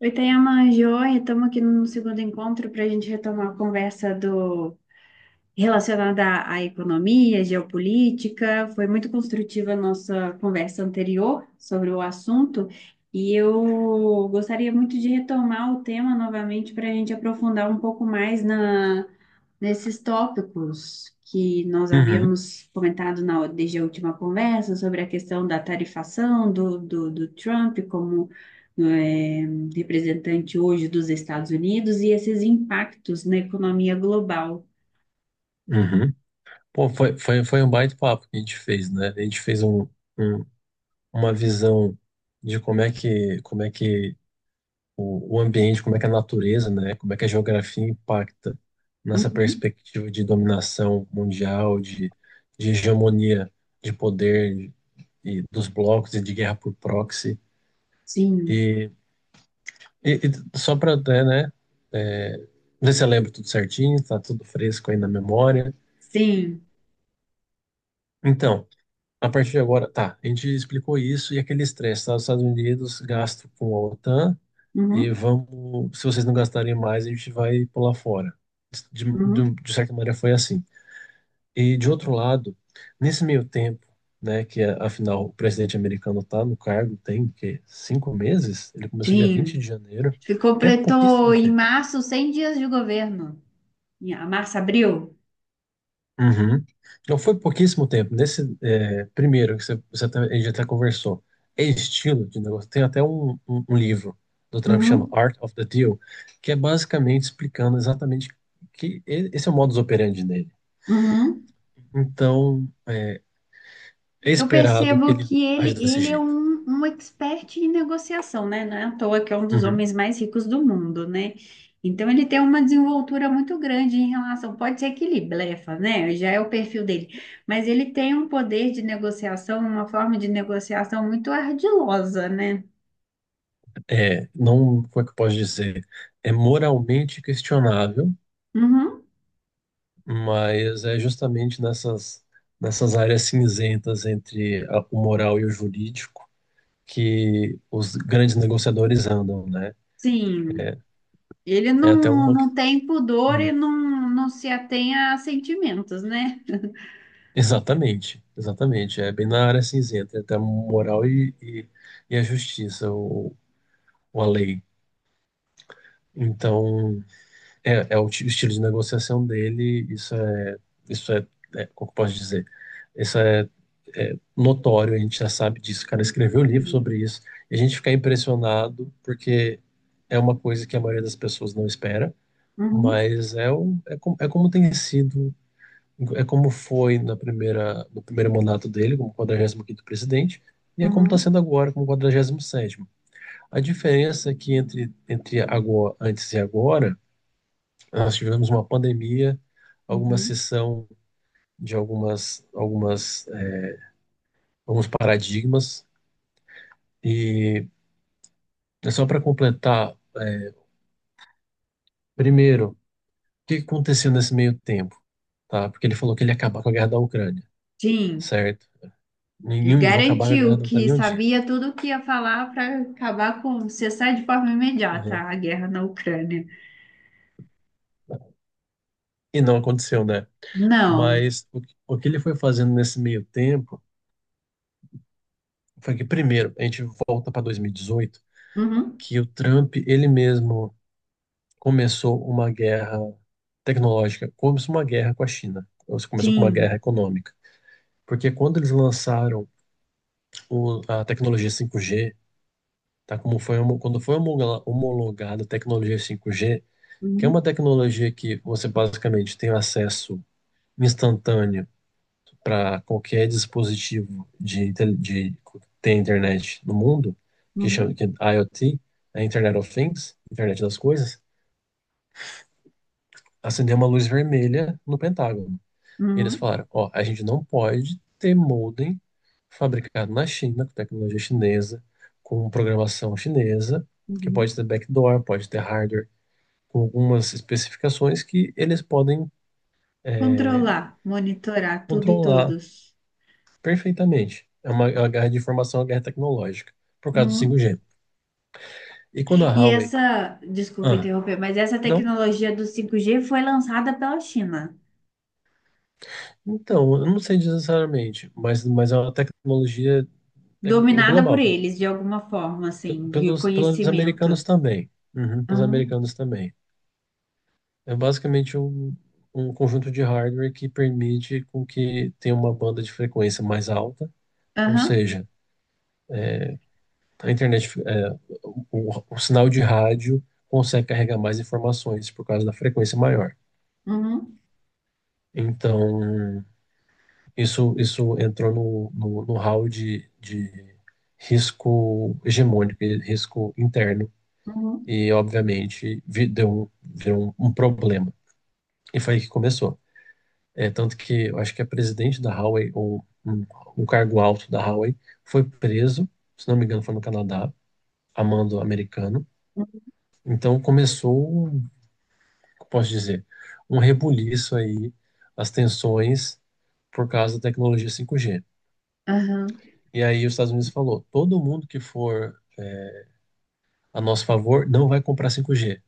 Oi, Tayama, joia, estamos aqui no segundo encontro para a gente retomar a conversa do relacionada à economia, geopolítica. Foi muito construtiva a nossa conversa anterior sobre o assunto e eu gostaria muito de retomar o tema novamente para a gente aprofundar um pouco mais nesses tópicos que nós Uhum, havíamos comentado desde a última conversa sobre a questão da tarifação do Trump como eh, representante hoje dos Estados Unidos e esses impactos na economia global. uhum. Pô, foi um baita papo que a gente fez, né? A gente fez um- uma visão de como é que o ambiente, como é que a natureza, né? Como é que a geografia impacta nessa Uhum. perspectiva de dominação mundial, de hegemonia de poder e dos blocos e de guerra por proxy. Sim, E, e, e só para até, né? É, ver se eu lembro tudo certinho, tá tudo fresco aí na memória. sim. Então. A partir de agora, tá, a gente explicou isso e aquele estresse, tá? Os Estados Unidos gasto com a OTAN e Uhum, vamos, se vocês não gastarem mais, a gente vai pular fora. De, de, uhum, de certa maneira foi assim. E de outro lado, nesse meio tempo, né, que é, afinal o presidente americano tá no cargo, tem que 5 meses, ele começou dia 20 sim. de janeiro, Ele é completou pouquíssimo em tempo. março 100 dias de governo. Em março, abril. Uhum. Não foi pouquíssimo tempo. Nesse é, primeiro que você, até, a gente até conversou, é estilo de negócio. Tem até um livro do Trump que chama Uhum, Art of the Deal, que é basicamente explicando exatamente que esse é o modus operandi dele. uhum. Então, é Eu esperado que percebo ele que ele, age desse é jeito. um, expert em negociação, né? Não é à toa que é um dos Uhum. homens mais ricos do mundo, né? Então ele tem uma desenvoltura muito grande em relação, pode ser que ele blefa, né? Já é o perfil dele, mas ele tem um poder de negociação, uma forma de negociação muito ardilosa, né? É, não, como é que eu posso dizer? É moralmente questionável, Uhum. mas é justamente nessas, áreas cinzentas entre o moral e o jurídico que os grandes negociadores andam, né? Sim. É, Ele é até não, uma. Tem pudor e Hum, não, se atém a sentimentos, né? Exatamente, exatamente. É bem na área cinzenta, é até moral e, e a justiça, ou a lei. Então, é o estilo de negociação dele, isso é, como que eu posso dizer? Isso é notório, a gente já sabe disso. O cara escreveu um livro Sim. sobre isso, e a gente fica impressionado porque é uma coisa que a maioria das pessoas não espera. Uhum, Mas é como tem sido, é como foi na primeira, no primeiro mandato dele, como 45º presidente, e é como está uhum, sendo agora, como 47º. A diferença é que entre agora, antes e agora, nós tivemos uma pandemia, alguma uhum. cessão de alguns paradigmas, e é só para completar, primeiro, o que aconteceu nesse meio tempo, tá? Porque ele falou que ele ia acabar com a guerra da Ucrânia, Sim, certo? ele Ninguém vou acabar a guerra garantiu da que Ucrânia um dia. sabia tudo o que ia falar para acabar com, cessar de forma imediata Uhum. a guerra na Ucrânia. E não aconteceu, né? Não. Mas o que ele foi fazendo nesse meio tempo foi que, primeiro, a gente volta para 2018, Uhum. que o Trump, ele mesmo, começou uma guerra tecnológica, começou uma guerra com a China, ou se começou com uma Sim. guerra econômica. Porque quando eles lançaram a tecnologia 5G, tá? Como foi, quando foi homologada a tecnologia 5G, que é uma Uhum, tecnologia que você basicamente tem acesso instantâneo para qualquer dispositivo de ter internet no mundo, que chama uhum, que é IoT, é Internet of Things, Internet das Coisas, acendeu uma luz vermelha no Pentágono. E eles uhum, falaram, ó, a gente não pode ter modem fabricado na China, com tecnologia chinesa, com programação chinesa, que pode uhum. ter backdoor, pode ter hardware, com algumas especificações que eles podem é, Controlar, monitorar tudo e controlar. todos. Perfeitamente. É uma guerra de informação, é uma guerra tecnológica, por causa do Uhum. 5G. E quando a E Huawei. essa, desculpa Ah, interromper, mas essa não? tecnologia do 5G foi lançada pela China. Então, eu não sei necessariamente, mas é uma tecnologia é Dominada por global, pe- eles de alguma forma, assim, de pelos, pelos americanos conhecimento. também. Uhum, pelos Aham, americanos também. É basicamente um conjunto de hardware que permite com que tenha uma banda de frequência mais alta, ou aham, seja, a internet, o sinal de rádio consegue carregar mais informações por causa da frequência maior. uhum, Então, isso entrou no hall de risco hegemônico, e risco interno, uhum, e obviamente deu, virou um problema. E foi aí que começou. É, tanto que eu acho que a presidente da Huawei, ou um cargo alto da Huawei, foi preso, se não me engano, foi no Canadá, a mando americano. Então começou, como posso dizer, um rebuliço aí, as tensões por causa da tecnologia 5G. aham, E aí os Estados Unidos falou, todo mundo que for a nosso favor não vai comprar 5G.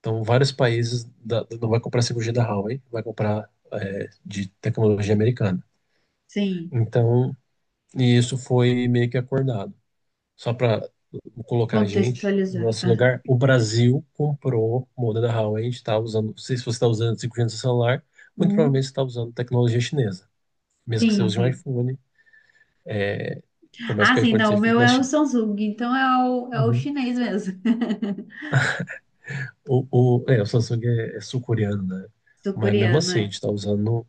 Então vários países não vai comprar 5G da Huawei, vai comprar de tecnologia americana. sim, Então, e isso foi meio que acordado. Só para colocar a gente no contextualizar. nosso Ah, lugar, o Brasil comprou moda da Huawei, a gente está usando, se você está usando 5G no seu celular, muito uhum, provavelmente você está usando tecnologia chinesa, mesmo que você sim, use um sim. iPhone, por mais Ah, que o sim, iPhone não, o seja feito meu na é o China. Samsung, então é o, Uhum. chinês mesmo. O, o Samsung é sul-coreano, né? Mas mesmo Sul-coreano, assim, a gente é. está usando,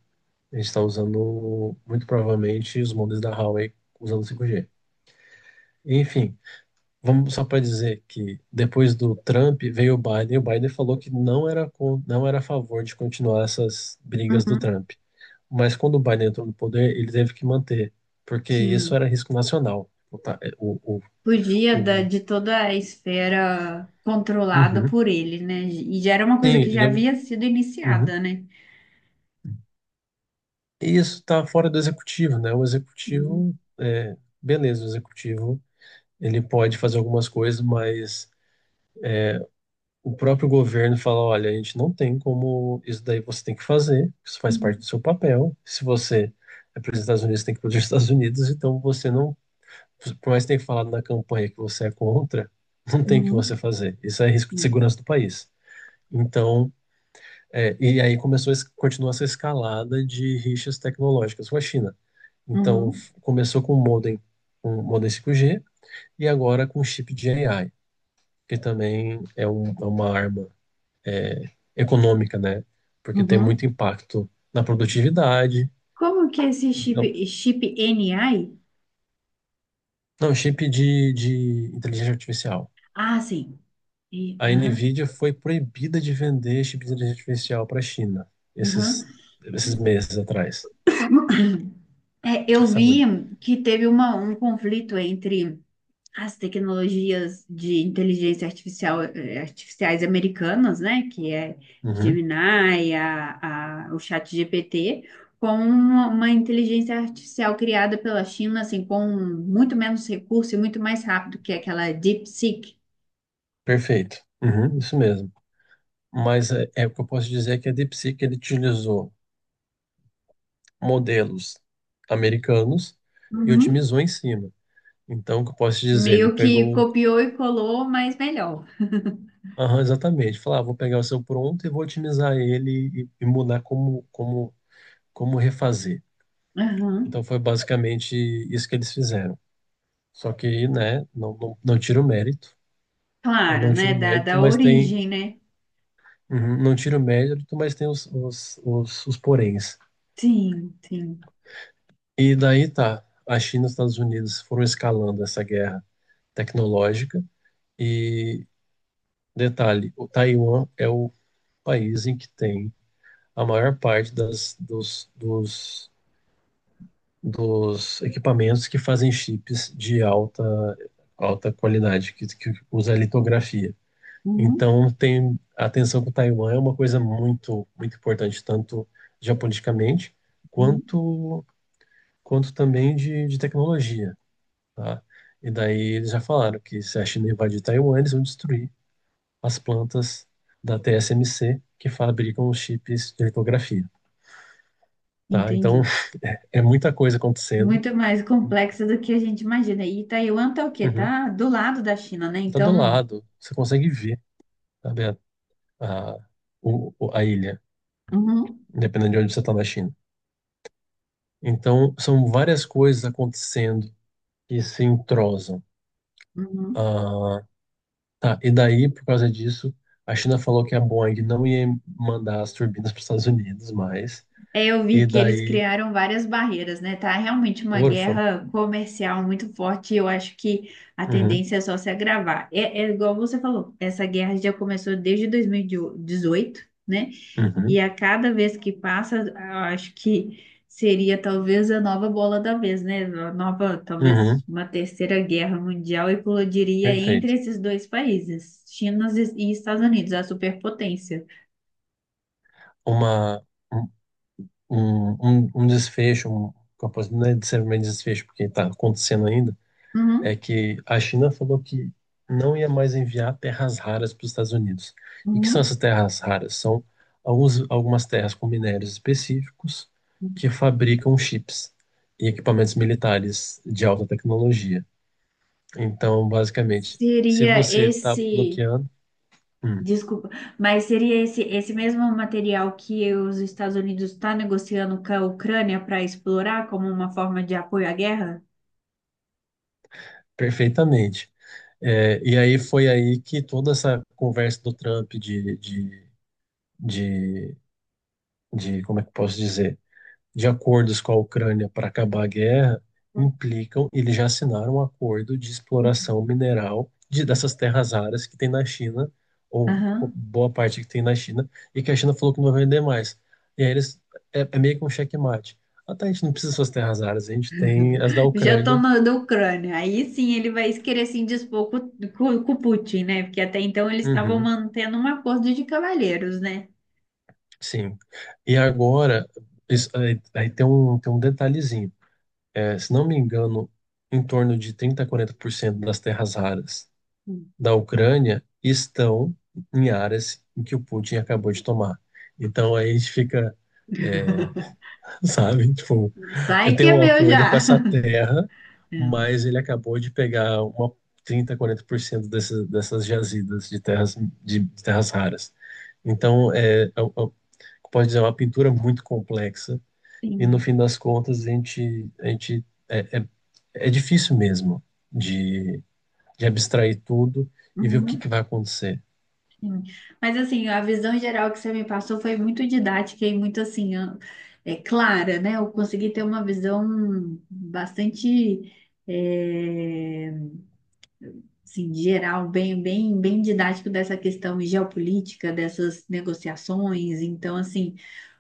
a gente tá usando muito provavelmente os modelos da Huawei usando 5G. Enfim, vamos só para dizer que depois do Trump veio o Biden e o Biden falou que não era a favor de continuar essas brigas do Uhum, Trump. Mas quando o Biden entrou no poder, ele teve que manter, porque isso sim. era risco nacional. O, ta- Fugia da, o- de toda a esfera controlada Uhum. por ele, né? E já era uma coisa Sim, que já ele. havia sido uhum. iniciada, né? isso está fora do executivo, né? O Uhum, executivo, beleza, o executivo ele pode fazer algumas coisas, mas o próprio governo fala, olha, a gente não tem como isso daí você tem que fazer, isso faz parte uhum, do seu papel. Se você é Presidente dos Estados Unidos, você tem que ir para os Estados Unidos, então você não, por mais que tenha falado na campanha que você é contra, não tem o que você uhum, fazer. Isso é risco de é, segurança do país. Então, e aí começou, continua essa escalada de rixas tecnológicas com a China. Então, uhum, começou com o modem, 5G, e agora com o chip de AI, que também é uma arma econômica, né? Porque tem uhum. muito impacto na produtividade. Como que é esse chip, Então, chip NI? não, chip de, inteligência artificial. Ah, sim. A Aham, Nvidia foi proibida de vender chip de inteligência artificial para a China, aham. esses, esses meses atrás. É, eu vi Saúde. que teve uma, um conflito entre as tecnologias de inteligência artificial, artificiais americanas, né? Que é Uhum, Gemini, o ChatGPT, com uma, inteligência artificial criada pela China, assim, com muito menos recurso e muito mais rápido que é aquela DeepSeek. perfeito. Uhum, isso mesmo. Mas é o que eu posso dizer é que a DeepSeek ele utilizou modelos americanos e Uhum. otimizou em cima. Então, o que eu posso te dizer? Ele Meio que pegou, copiou e colou, mas melhor. aham, exatamente, falou, ah, vou pegar o seu pronto e vou otimizar ele e, mudar como refazer. Aham. Então, foi basicamente isso que eles fizeram. Só que, né, não tira o mérito, né, Claro, não tira né? o Da, mérito, mas tem, origem, né? uhum, não tira o mérito, mas tem os poréns. Sim, sim. E daí tá, a China e os Estados Unidos foram escalando essa guerra tecnológica. E detalhe: o Taiwan é o país em que tem a maior parte dos equipamentos que fazem chips de alta, alta qualidade, que usa litografia. Uhum, Então, tem a atenção com o Taiwan é uma coisa muito, muito importante, tanto geopoliticamente uhum. quanto, quanto também de tecnologia, tá? E daí eles já falaram que se a China invadir Taiwan, eles vão destruir as plantas da TSMC que fabricam os chips de litografia, tá? Então Entendi. é muita coisa acontecendo. Muito mais complexa do que a gente imagina. E Taiwan tá o quê? Uhum. Tá do lado da China, né? Tá do Então, lado, você consegue ver, sabe, a, a ilha, uhum, independente de onde você está na China. Então são várias coisas acontecendo que se entrosam. uhum. Ah, tá, e daí, por causa disso, a China falou que a Boeing não ia mandar as turbinas para os Estados Unidos mais. É, eu E vi que eles daí, criaram várias barreiras, né? Tá realmente uma órfão. guerra comercial muito forte. E eu acho que a Uhum, tendência é só se agravar. É, é igual você falou, essa guerra já começou desde 2018, né? E uhum, a cada vez que passa, eu acho que seria talvez a nova bola da vez, né? A nova, talvez uhum, uma terceira guerra mundial eclodiria entre perfeito. esses dois países, China e Estados Unidos, a superpotência. Uma, um, um, um um desfecho, não é necessariamente desfecho, porque está acontecendo ainda, é Uhum, que a China falou que não ia mais enviar terras raras para os Estados Unidos. E que são uhum. essas terras raras? São alguns, algumas terras com minérios específicos que fabricam chips e equipamentos militares de alta tecnologia. Então, basicamente, se Seria você está esse, bloqueando, hum, desculpa, mas seria esse mesmo material que os Estados Unidos estão negociando com a Ucrânia para explorar como uma forma de apoio à guerra? perfeitamente. É, e aí foi aí que toda essa conversa do Trump de, de, de, de, como é que eu posso dizer, de acordos com a Ucrânia para acabar a guerra, implicam, eles já assinaram um acordo de exploração mineral dessas terras raras que tem na China, ou Aham. boa parte que tem na China, e que a China falou que não vai vender mais. E aí eles, é meio que um checkmate. Ah, tá, a gente não precisa dessas terras raras, a gente tem as da Já estou Ucrânia. na Ucrânia. Aí sim ele vai querer se indispor com, com o Putin, né? Porque até então eles estavam Uhum. mantendo um acordo de cavalheiros, né? Sim. E agora, aí tem um detalhezinho. É, se não me engano, em torno de 30 a quarenta por cento das terras raras da Ucrânia estão em áreas em que o Putin acabou de tomar. Então aí a gente fica, sabe, tipo, Sai eu que é tenho um meu acordo com já. essa terra, É. mas ele acabou de pegar uma 30-40% dessas jazidas de terras, de terras raras. Então, pode dizer, é uma pintura muito complexa. E no Sim. fim das contas, a gente é, é, é difícil mesmo de, de abstrair tudo e ver o que que Uhum, vai acontecer. sim. Mas assim, a visão geral que você me passou foi muito didática e muito assim, é clara, né? Eu consegui ter uma visão bastante, é, assim, geral, bem, bem, bem didático dessa questão geopolítica, dessas negociações. Então, assim,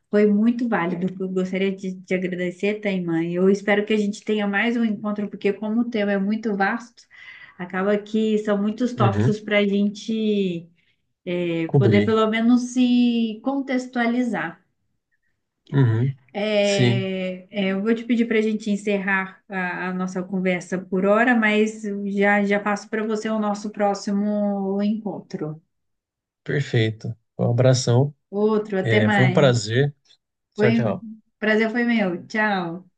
foi muito válido. Eu gostaria de te agradecer, Taimã. Eu espero que a gente tenha mais um encontro, porque como o tema é muito vasto, acaba que são muitos Uhum, tópicos para a gente, poder cobrir. pelo menos se contextualizar. Uhum, sim, É, é, eu vou te pedir para a gente encerrar a nossa conversa por hora, mas já, já passo para você o nosso próximo encontro. perfeito. Um abração. Outro, até É, foi um mais. prazer. Tchau, Foi, tchau. prazer foi meu. Tchau.